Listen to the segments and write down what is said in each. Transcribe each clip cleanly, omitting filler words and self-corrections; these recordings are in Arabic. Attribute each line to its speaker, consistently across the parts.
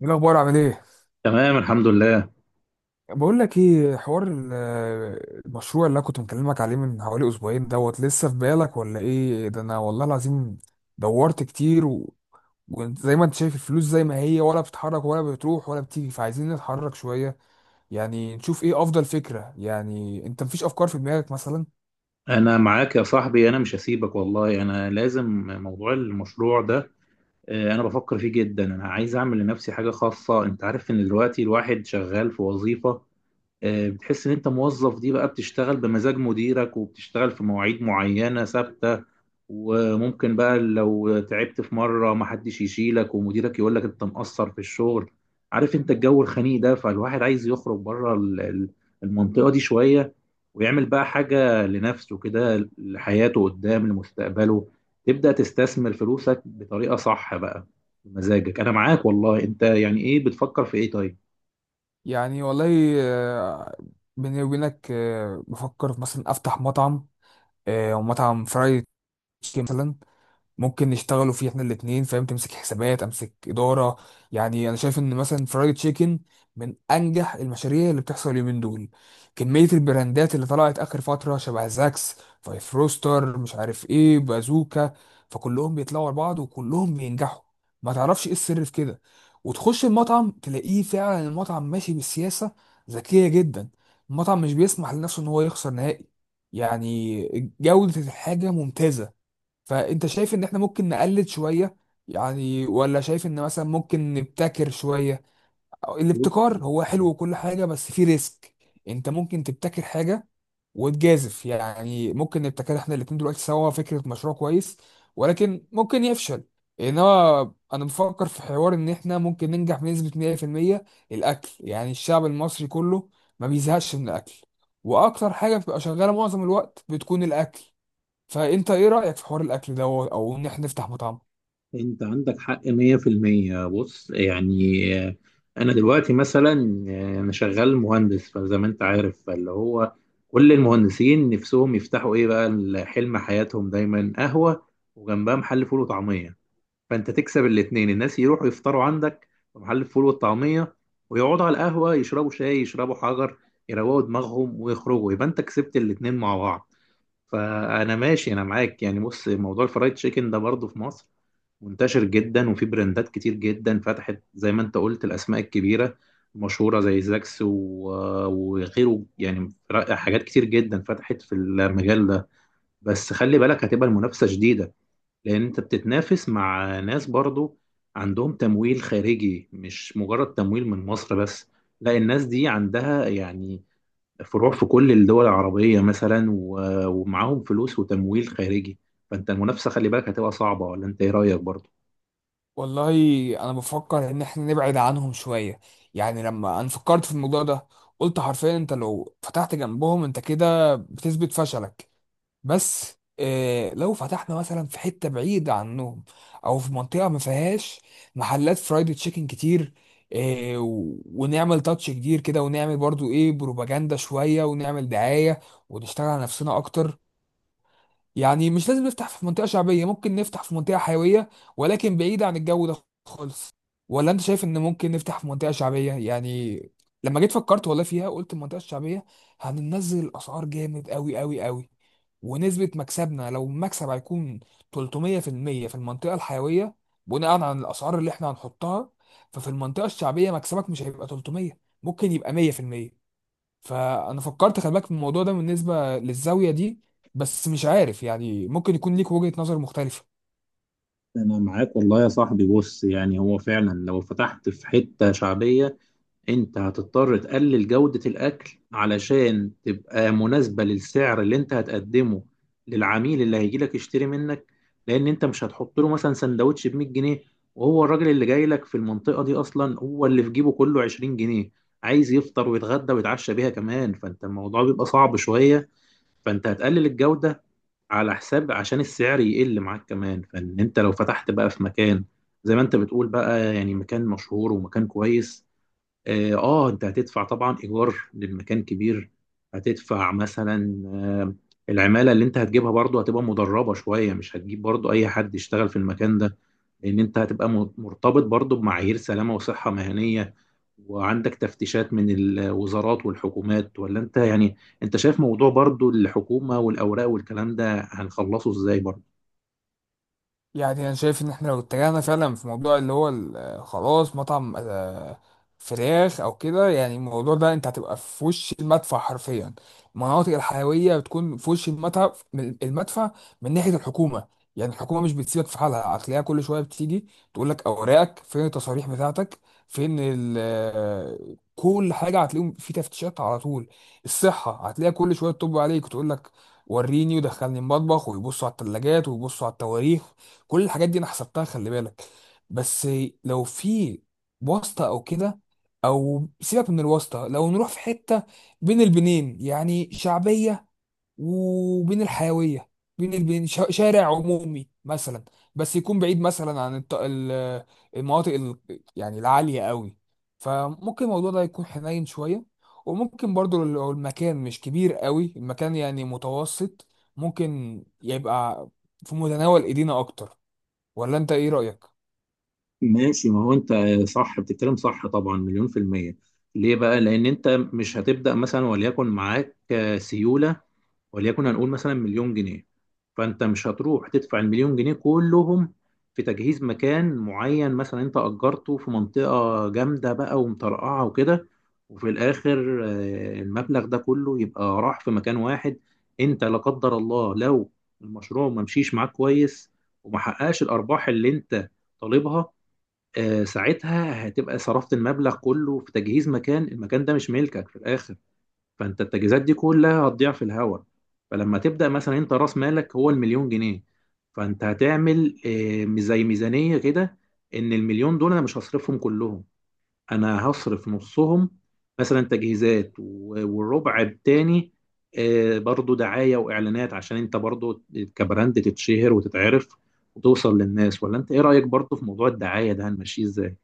Speaker 1: ايه الاخبار؟ عامل ايه؟
Speaker 2: تمام، الحمد لله.
Speaker 1: بقول لك ايه، حوار المشروع اللي انا كنت مكلمك عليه من حوالي اسبوعين دوت، لسه في بالك ولا ايه؟ ده انا والله العظيم دورت كتير وزي ما انت شايف الفلوس زي ما هي، ولا بتتحرك ولا بتروح ولا بتيجي، فعايزين نتحرك شوية. يعني نشوف ايه افضل فكرة. يعني انت مفيش افكار في دماغك مثلا؟
Speaker 2: انا معاك يا صاحبي، انا مش هسيبك والله، انا لازم موضوع المشروع ده. انا بفكر فيه جدا، انا عايز اعمل لنفسي حاجة خاصة. انت عارف ان دلوقتي الواحد شغال في وظيفة. بتحس ان انت موظف، دي بقى بتشتغل بمزاج مديرك وبتشتغل في مواعيد معينة ثابتة. وممكن بقى لو تعبت في مرة محدش يشيلك ومديرك يقولك انت مقصر في الشغل. عارف انت الجو الخنيق ده، فالواحد عايز يخرج بره المنطقة دي شوية. ويعمل بقى حاجة لنفسه كده، لحياته قدام، لمستقبله. تبدأ تستثمر فلوسك بطريقة صح بقى، بمزاجك. انا معاك والله. انت يعني ايه بتفكر في ايه؟
Speaker 1: يعني والله، آه، بيني وبينك، بفكر مثلا افتح مطعم، مطعم فرايد تشيكن مثلا. ممكن نشتغلوا فيه احنا الاثنين، فاهم؟ تمسك حسابات، امسك اداره. يعني انا شايف ان مثلا فرايد تشيكن من انجح المشاريع اللي بتحصل اليومين دول. كميه البراندات اللي طلعت اخر فتره، شبه زاكس، فايف روستر، مش عارف ايه، بازوكا، فكلهم بيطلعوا لبعض وكلهم بينجحوا. ما تعرفش ايه السر في كده؟ وتخش المطعم تلاقيه فعلا المطعم ماشي بالسياسه ذكيه جدا. المطعم مش بيسمح لنفسه ان هو يخسر نهائي، يعني جوده الحاجه ممتازه. فانت شايف ان احنا ممكن نقلل شوية يعني؟ ولا شايف ان مثلا ممكن نبتكر شوية؟ أو
Speaker 2: طيب.
Speaker 1: الابتكار هو حلو وكل حاجة، بس فيه ريسك. انت ممكن تبتكر حاجة وتجازف، يعني ممكن نبتكر احنا الاتنين دلوقتي سوا فكرة مشروع كويس، ولكن ممكن يفشل. انما انا بفكر في حوار ان احنا ممكن ننجح بنسبة 100%. الاكل يعني الشعب المصري كله ما بيزهقش من الاكل، واكتر حاجة بتبقى شغالة معظم الوقت بتكون الاكل. فانت ايه رأيك في حوار الاكل دوت، او ان احنا نفتح مطعم؟
Speaker 2: انت عندك حق 100%. بص يعني، انا دلوقتي مثلا، انا شغال مهندس. فزي ما انت عارف، فاللي هو كل المهندسين نفسهم يفتحوا ايه بقى؟ حلم حياتهم دايما قهوة، وجنبها محل فول وطعمية. فانت تكسب الاتنين، الناس يروحوا يفطروا عندك في محل الفول والطعمية ويقعدوا على القهوة يشربوا شاي يشربوا حجر يروقوا دماغهم ويخرجوا، يبقى انت كسبت الاتنين مع بعض. فانا ماشي، انا معاك يعني. بص، موضوع الفرايد تشيكن ده برضه في مصر منتشر جدا، وفي براندات كتير جدا فتحت زي ما انت قلت، الاسماء الكبيره مشهوره زي زاكس وغيره، يعني حاجات كتير جدا فتحت في المجال ده. بس خلي بالك هتبقى المنافسه شديده، لان انت بتتنافس مع ناس برضو عندهم تمويل خارجي، مش مجرد تمويل من مصر بس. لا، الناس دي عندها يعني فروع في كل الدول العربيه مثلا، ومعاهم فلوس وتمويل خارجي. فانت المنافسه خلي بالك هتبقى صعبه. ولا انت ايه رايك برضو؟
Speaker 1: والله انا بفكر ان احنا نبعد عنهم شوية. يعني لما انا فكرت في الموضوع ده، قلت حرفيا انت لو فتحت جنبهم انت كده بتثبت فشلك. بس إيه لو فتحنا مثلا في حتة بعيدة عنهم، او في منطقة ما فيهاش محلات فرايد تشيكن كتير، إيه ونعمل تاتش كتير كده، ونعمل برضو ايه، بروباجندا شوية، ونعمل دعاية، ونشتغل على نفسنا اكتر. يعني مش لازم نفتح في منطقة شعبية، ممكن نفتح في منطقة حيوية، ولكن بعيدة عن الجو ده خالص. ولا انت شايف ان ممكن نفتح في منطقة شعبية يعني؟ لما جيت فكرت والله فيها، قلت المنطقة الشعبية هننزل الأسعار جامد قوي قوي قوي، ونسبة مكسبنا، لو المكسب هيكون 300% في المية في المنطقة الحيوية بناء على الأسعار اللي احنا هنحطها، ففي المنطقة الشعبية مكسبك مش هيبقى 300، ممكن يبقى 100%. فانا فكرت خلي بالك في الموضوع ده بالنسبه للزاويه دي. بس مش عارف يعني، ممكن يكون ليك وجهه نظر مختلفه.
Speaker 2: انا معاك والله يا صاحبي. بص يعني، هو فعلا لو فتحت في حتة شعبية انت هتضطر تقلل جودة الاكل علشان تبقى مناسبة للسعر اللي انت هتقدمه للعميل اللي هيجيلك يشتري منك. لان انت مش هتحط له مثلا سندوتش ب 100 جنيه، وهو الراجل اللي جاي لك في المنطقة دي اصلا هو اللي في جيبه كله 20 جنيه، عايز يفطر ويتغدى ويتعشى بيها كمان. فانت الموضوع بيبقى صعب شوية. فانت هتقلل الجودة على حساب عشان السعر يقل معاك كمان. فان انت لو فتحت بقى في مكان زي ما انت بتقول بقى، يعني مكان مشهور ومكان كويس، انت هتدفع طبعا ايجار للمكان كبير. هتدفع مثلا العمالة اللي انت هتجيبها برضو هتبقى مدربة شوية، مش هتجيب برضو اي حد يشتغل في المكان ده، لان انت هتبقى مرتبط برضو بمعايير سلامة وصحة مهنية. وعندك تفتيشات من الوزارات والحكومات. ولا انت يعني انت شايف موضوع برضو الحكومة والاوراق والكلام ده هنخلصه ازاي برضو؟
Speaker 1: يعني انا شايف ان احنا لو اتجهنا فعلا في موضوع اللي هو خلاص مطعم، فراخ او كده، يعني الموضوع ده انت هتبقى في وش المدفع حرفيا. المناطق الحيويه بتكون في وش المدفع المدفع من ناحيه الحكومه. يعني الحكومه مش بتسيبك في حالها، هتلاقيها كل شويه بتيجي تقول لك اوراقك فين، التصاريح بتاعتك فين، ال آه، كل حاجه. هتلاقيهم في تفتيشات على طول. الصحه هتلاقيها كل شويه تطب عليك وتقول لك وريني ودخلني المطبخ، ويبصوا على الثلاجات ويبصوا على التواريخ. كل الحاجات دي انا حسبتها خلي بالك. بس لو في واسطة او كده، او سيبك من الواسطة، لو نروح في حتة بين البنين، يعني شعبية وبين الحيوية، بين البين، شارع عمومي مثلا، بس يكون بعيد مثلا عن المناطق يعني العالية قوي، فممكن الموضوع ده يكون حنين شوية. وممكن برضو لو المكان مش كبير قوي، المكان يعني متوسط، ممكن يبقى في متناول ايدينا اكتر. ولا انت ايه رأيك؟
Speaker 2: ماشي. ما هو انت صح، بتتكلم صح طبعا، مليون في المية. ليه بقى؟ لأن انت مش هتبدأ مثلا وليكن معاك سيولة، وليكن هنقول مثلا مليون جنيه. فانت مش هتروح تدفع المليون جنيه كلهم في تجهيز مكان معين. مثلا انت اجرته في منطقة جامدة بقى ومطرقعة وكده، وفي الاخر المبلغ ده كله يبقى راح في مكان واحد. انت لا قدر الله لو المشروع ما مشيش معاك كويس وما حققش الارباح اللي انت طالبها، ساعتها هتبقى صرفت المبلغ كله في تجهيز مكان، المكان ده مش ملكك في الاخر. فانت التجهيزات دي كلها هتضيع في الهوا. فلما تبدا مثلا انت راس مالك هو المليون جنيه، فانت هتعمل زي ميزانيه كده. ان المليون دول انا مش هصرفهم كلهم، انا هصرف نصهم مثلا تجهيزات، والربع التاني برضو دعايه واعلانات عشان انت برضو كبراند تتشهر وتتعرف وتوصل للناس. ولا انت ايه رايك برضو في موضوع الدعايه ده هنمشيه ازاي؟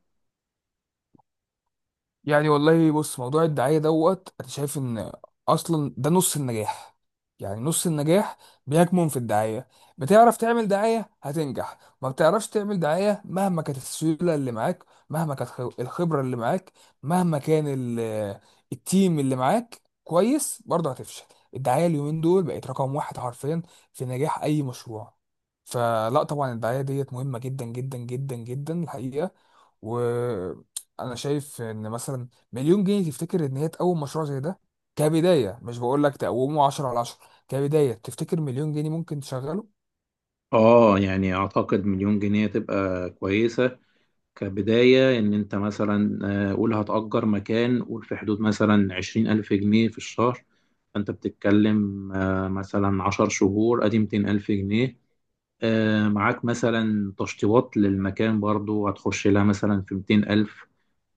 Speaker 1: يعني والله بص، موضوع الدعاية دوت انا شايف ان اصلا ده نص النجاح. يعني نص النجاح بيكمن في الدعاية. بتعرف تعمل دعاية هتنجح، ما بتعرفش تعمل دعاية مهما كانت السيولة اللي معاك، مهما كانت الخبرة اللي معاك، مهما كان التيم اللي معاك كويس، برضه هتفشل. الدعاية اليومين دول بقت رقم واحد حرفيا في نجاح اي مشروع. فلا طبعا الدعاية ديت مهمة جدا جدا جدا جدا الحقيقة. انا شايف ان مثلا مليون جنيه، تفتكر ان هي تقوم مشروع زي ده كبدايه؟ مش بقول لك تقومه 10 على 10، كبدايه تفتكر مليون جنيه ممكن تشغله؟
Speaker 2: اه، يعني اعتقد مليون جنيه تبقى كويسه كبداية. إن أنت مثلا قول هتأجر مكان، قول في حدود مثلا 20,000 جنيه في الشهر. فأنت بتتكلم مثلا 10 شهور، أدي 200,000 جنيه. معاك مثلا تشطيبات للمكان برضو هتخش لها مثلا في 200,000،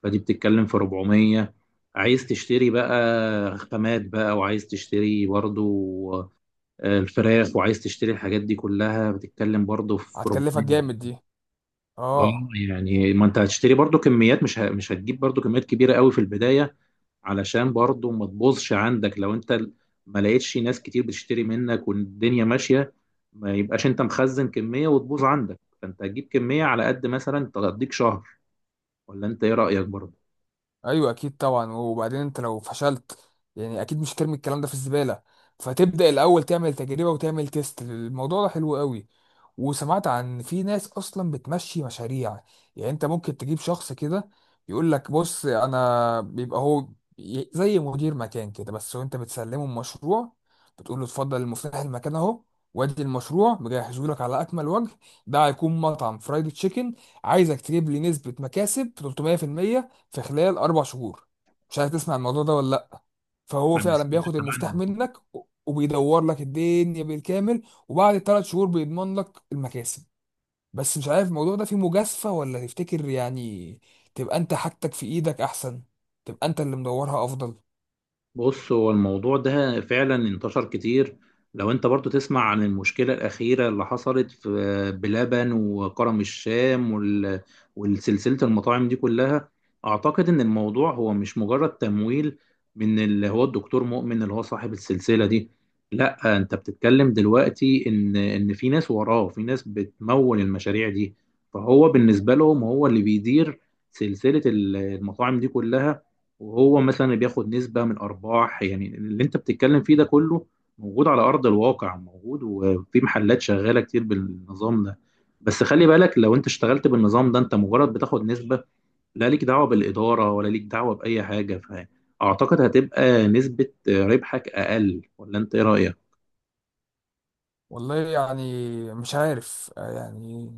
Speaker 2: فدي بتتكلم في 400. عايز تشتري بقى خامات بقى، وعايز تشتري برضو الفراخ، وعايز تشتري الحاجات دي كلها بتتكلم برضو في
Speaker 1: هتكلفك جامد
Speaker 2: 400.
Speaker 1: دي،
Speaker 2: اه.
Speaker 1: اه.
Speaker 2: يعني ما انت هتشتري برضو كميات، مش مش هتجيب برضو كميات كبيره قوي في البدايه، علشان برضو ما تبوظش عندك لو انت ما لقيتش ناس كتير بتشتري منك والدنيا ماشيه. ما يبقاش انت مخزن كميه وتبوظ عندك. فانت هتجيب كميه على قد مثلا تقضيك شهر. ولا انت ايه رايك برضو؟
Speaker 1: ايوه اكيد طبعا، وبعدين انت لو فشلت يعني اكيد مش ترمي الكلام ده في الزباله. فتبدا الاول تعمل تجربه وتعمل تيست، الموضوع ده حلو قوي. وسمعت عن، في ناس اصلا بتمشي مشاريع. يعني انت ممكن تجيب شخص كده يقول لك بص انا بيبقى هو، زي مدير مكان كده بس، وانت بتسلمه المشروع، بتقول له اتفضل المفتاح، المكان اهو، وادي المشروع مجهزه لك على اكمل وجه. ده هيكون مطعم فرايد تشيكن، عايزك تجيب لي نسبه مكاسب 300% في خلال اربع شهور. مش عارف تسمع الموضوع ده ولا لا؟ فهو
Speaker 2: انا
Speaker 1: فعلا
Speaker 2: سمعت
Speaker 1: بياخد المفتاح
Speaker 2: عنه.
Speaker 1: منك، وبيدور لك الدنيا بالكامل، وبعد الثلاث شهور بيضمن لك المكاسب. بس مش عارف الموضوع ده فيه مجازفة، ولا تفتكر يعني تبقى انت حاجتك في ايدك احسن، تبقى انت اللي مدورها افضل؟
Speaker 2: بص، هو الموضوع ده فعلا انتشر كتير. لو انت برضو تسمع عن المشكلة الأخيرة اللي حصلت في بلبن وكرم الشام والسلسلة المطاعم دي كلها، أعتقد إن الموضوع هو مش مجرد تمويل من اللي هو الدكتور مؤمن اللي هو صاحب السلسلة دي. لا، انت بتتكلم دلوقتي إن في ناس وراه، في ناس بتمول المشاريع دي. فهو بالنسبة لهم هو اللي بيدير سلسلة المطاعم دي كلها، وهو مثلا اللي بياخد نسبة من أرباح. يعني اللي أنت بتتكلم فيه ده كله موجود على أرض الواقع، موجود وفي محلات شغالة كتير بالنظام ده. بس خلي بالك، لو أنت اشتغلت بالنظام ده أنت مجرد بتاخد نسبة، لا ليك دعوة بالإدارة ولا ليك دعوة بأي حاجة. فأعتقد هتبقى نسبة ربحك أقل. ولا أنت إيه رأيك؟
Speaker 1: والله يعني مش عارف، آه يعني،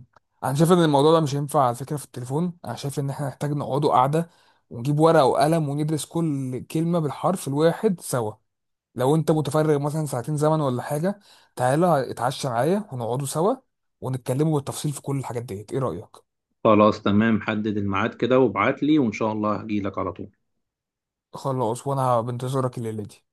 Speaker 1: انا شايف ان الموضوع ده مش هينفع على فكرة في التليفون. انا شايف ان احنا نحتاج نقعدوا قعدة ونجيب ورقة وقلم، وندرس كل كلمة بالحرف الواحد سوا. لو انت متفرغ مثلا ساعتين زمن ولا حاجه، تعالى اتعشى معايا ونقعدوا سوا، ونتكلموا بالتفصيل في كل الحاجات ديت. ايه رايك؟
Speaker 2: خلاص تمام، حدد الميعاد كده وابعت لي، وإن شاء الله هجيلك على طول.
Speaker 1: خلاص، وانا بنتظرك الليله دي.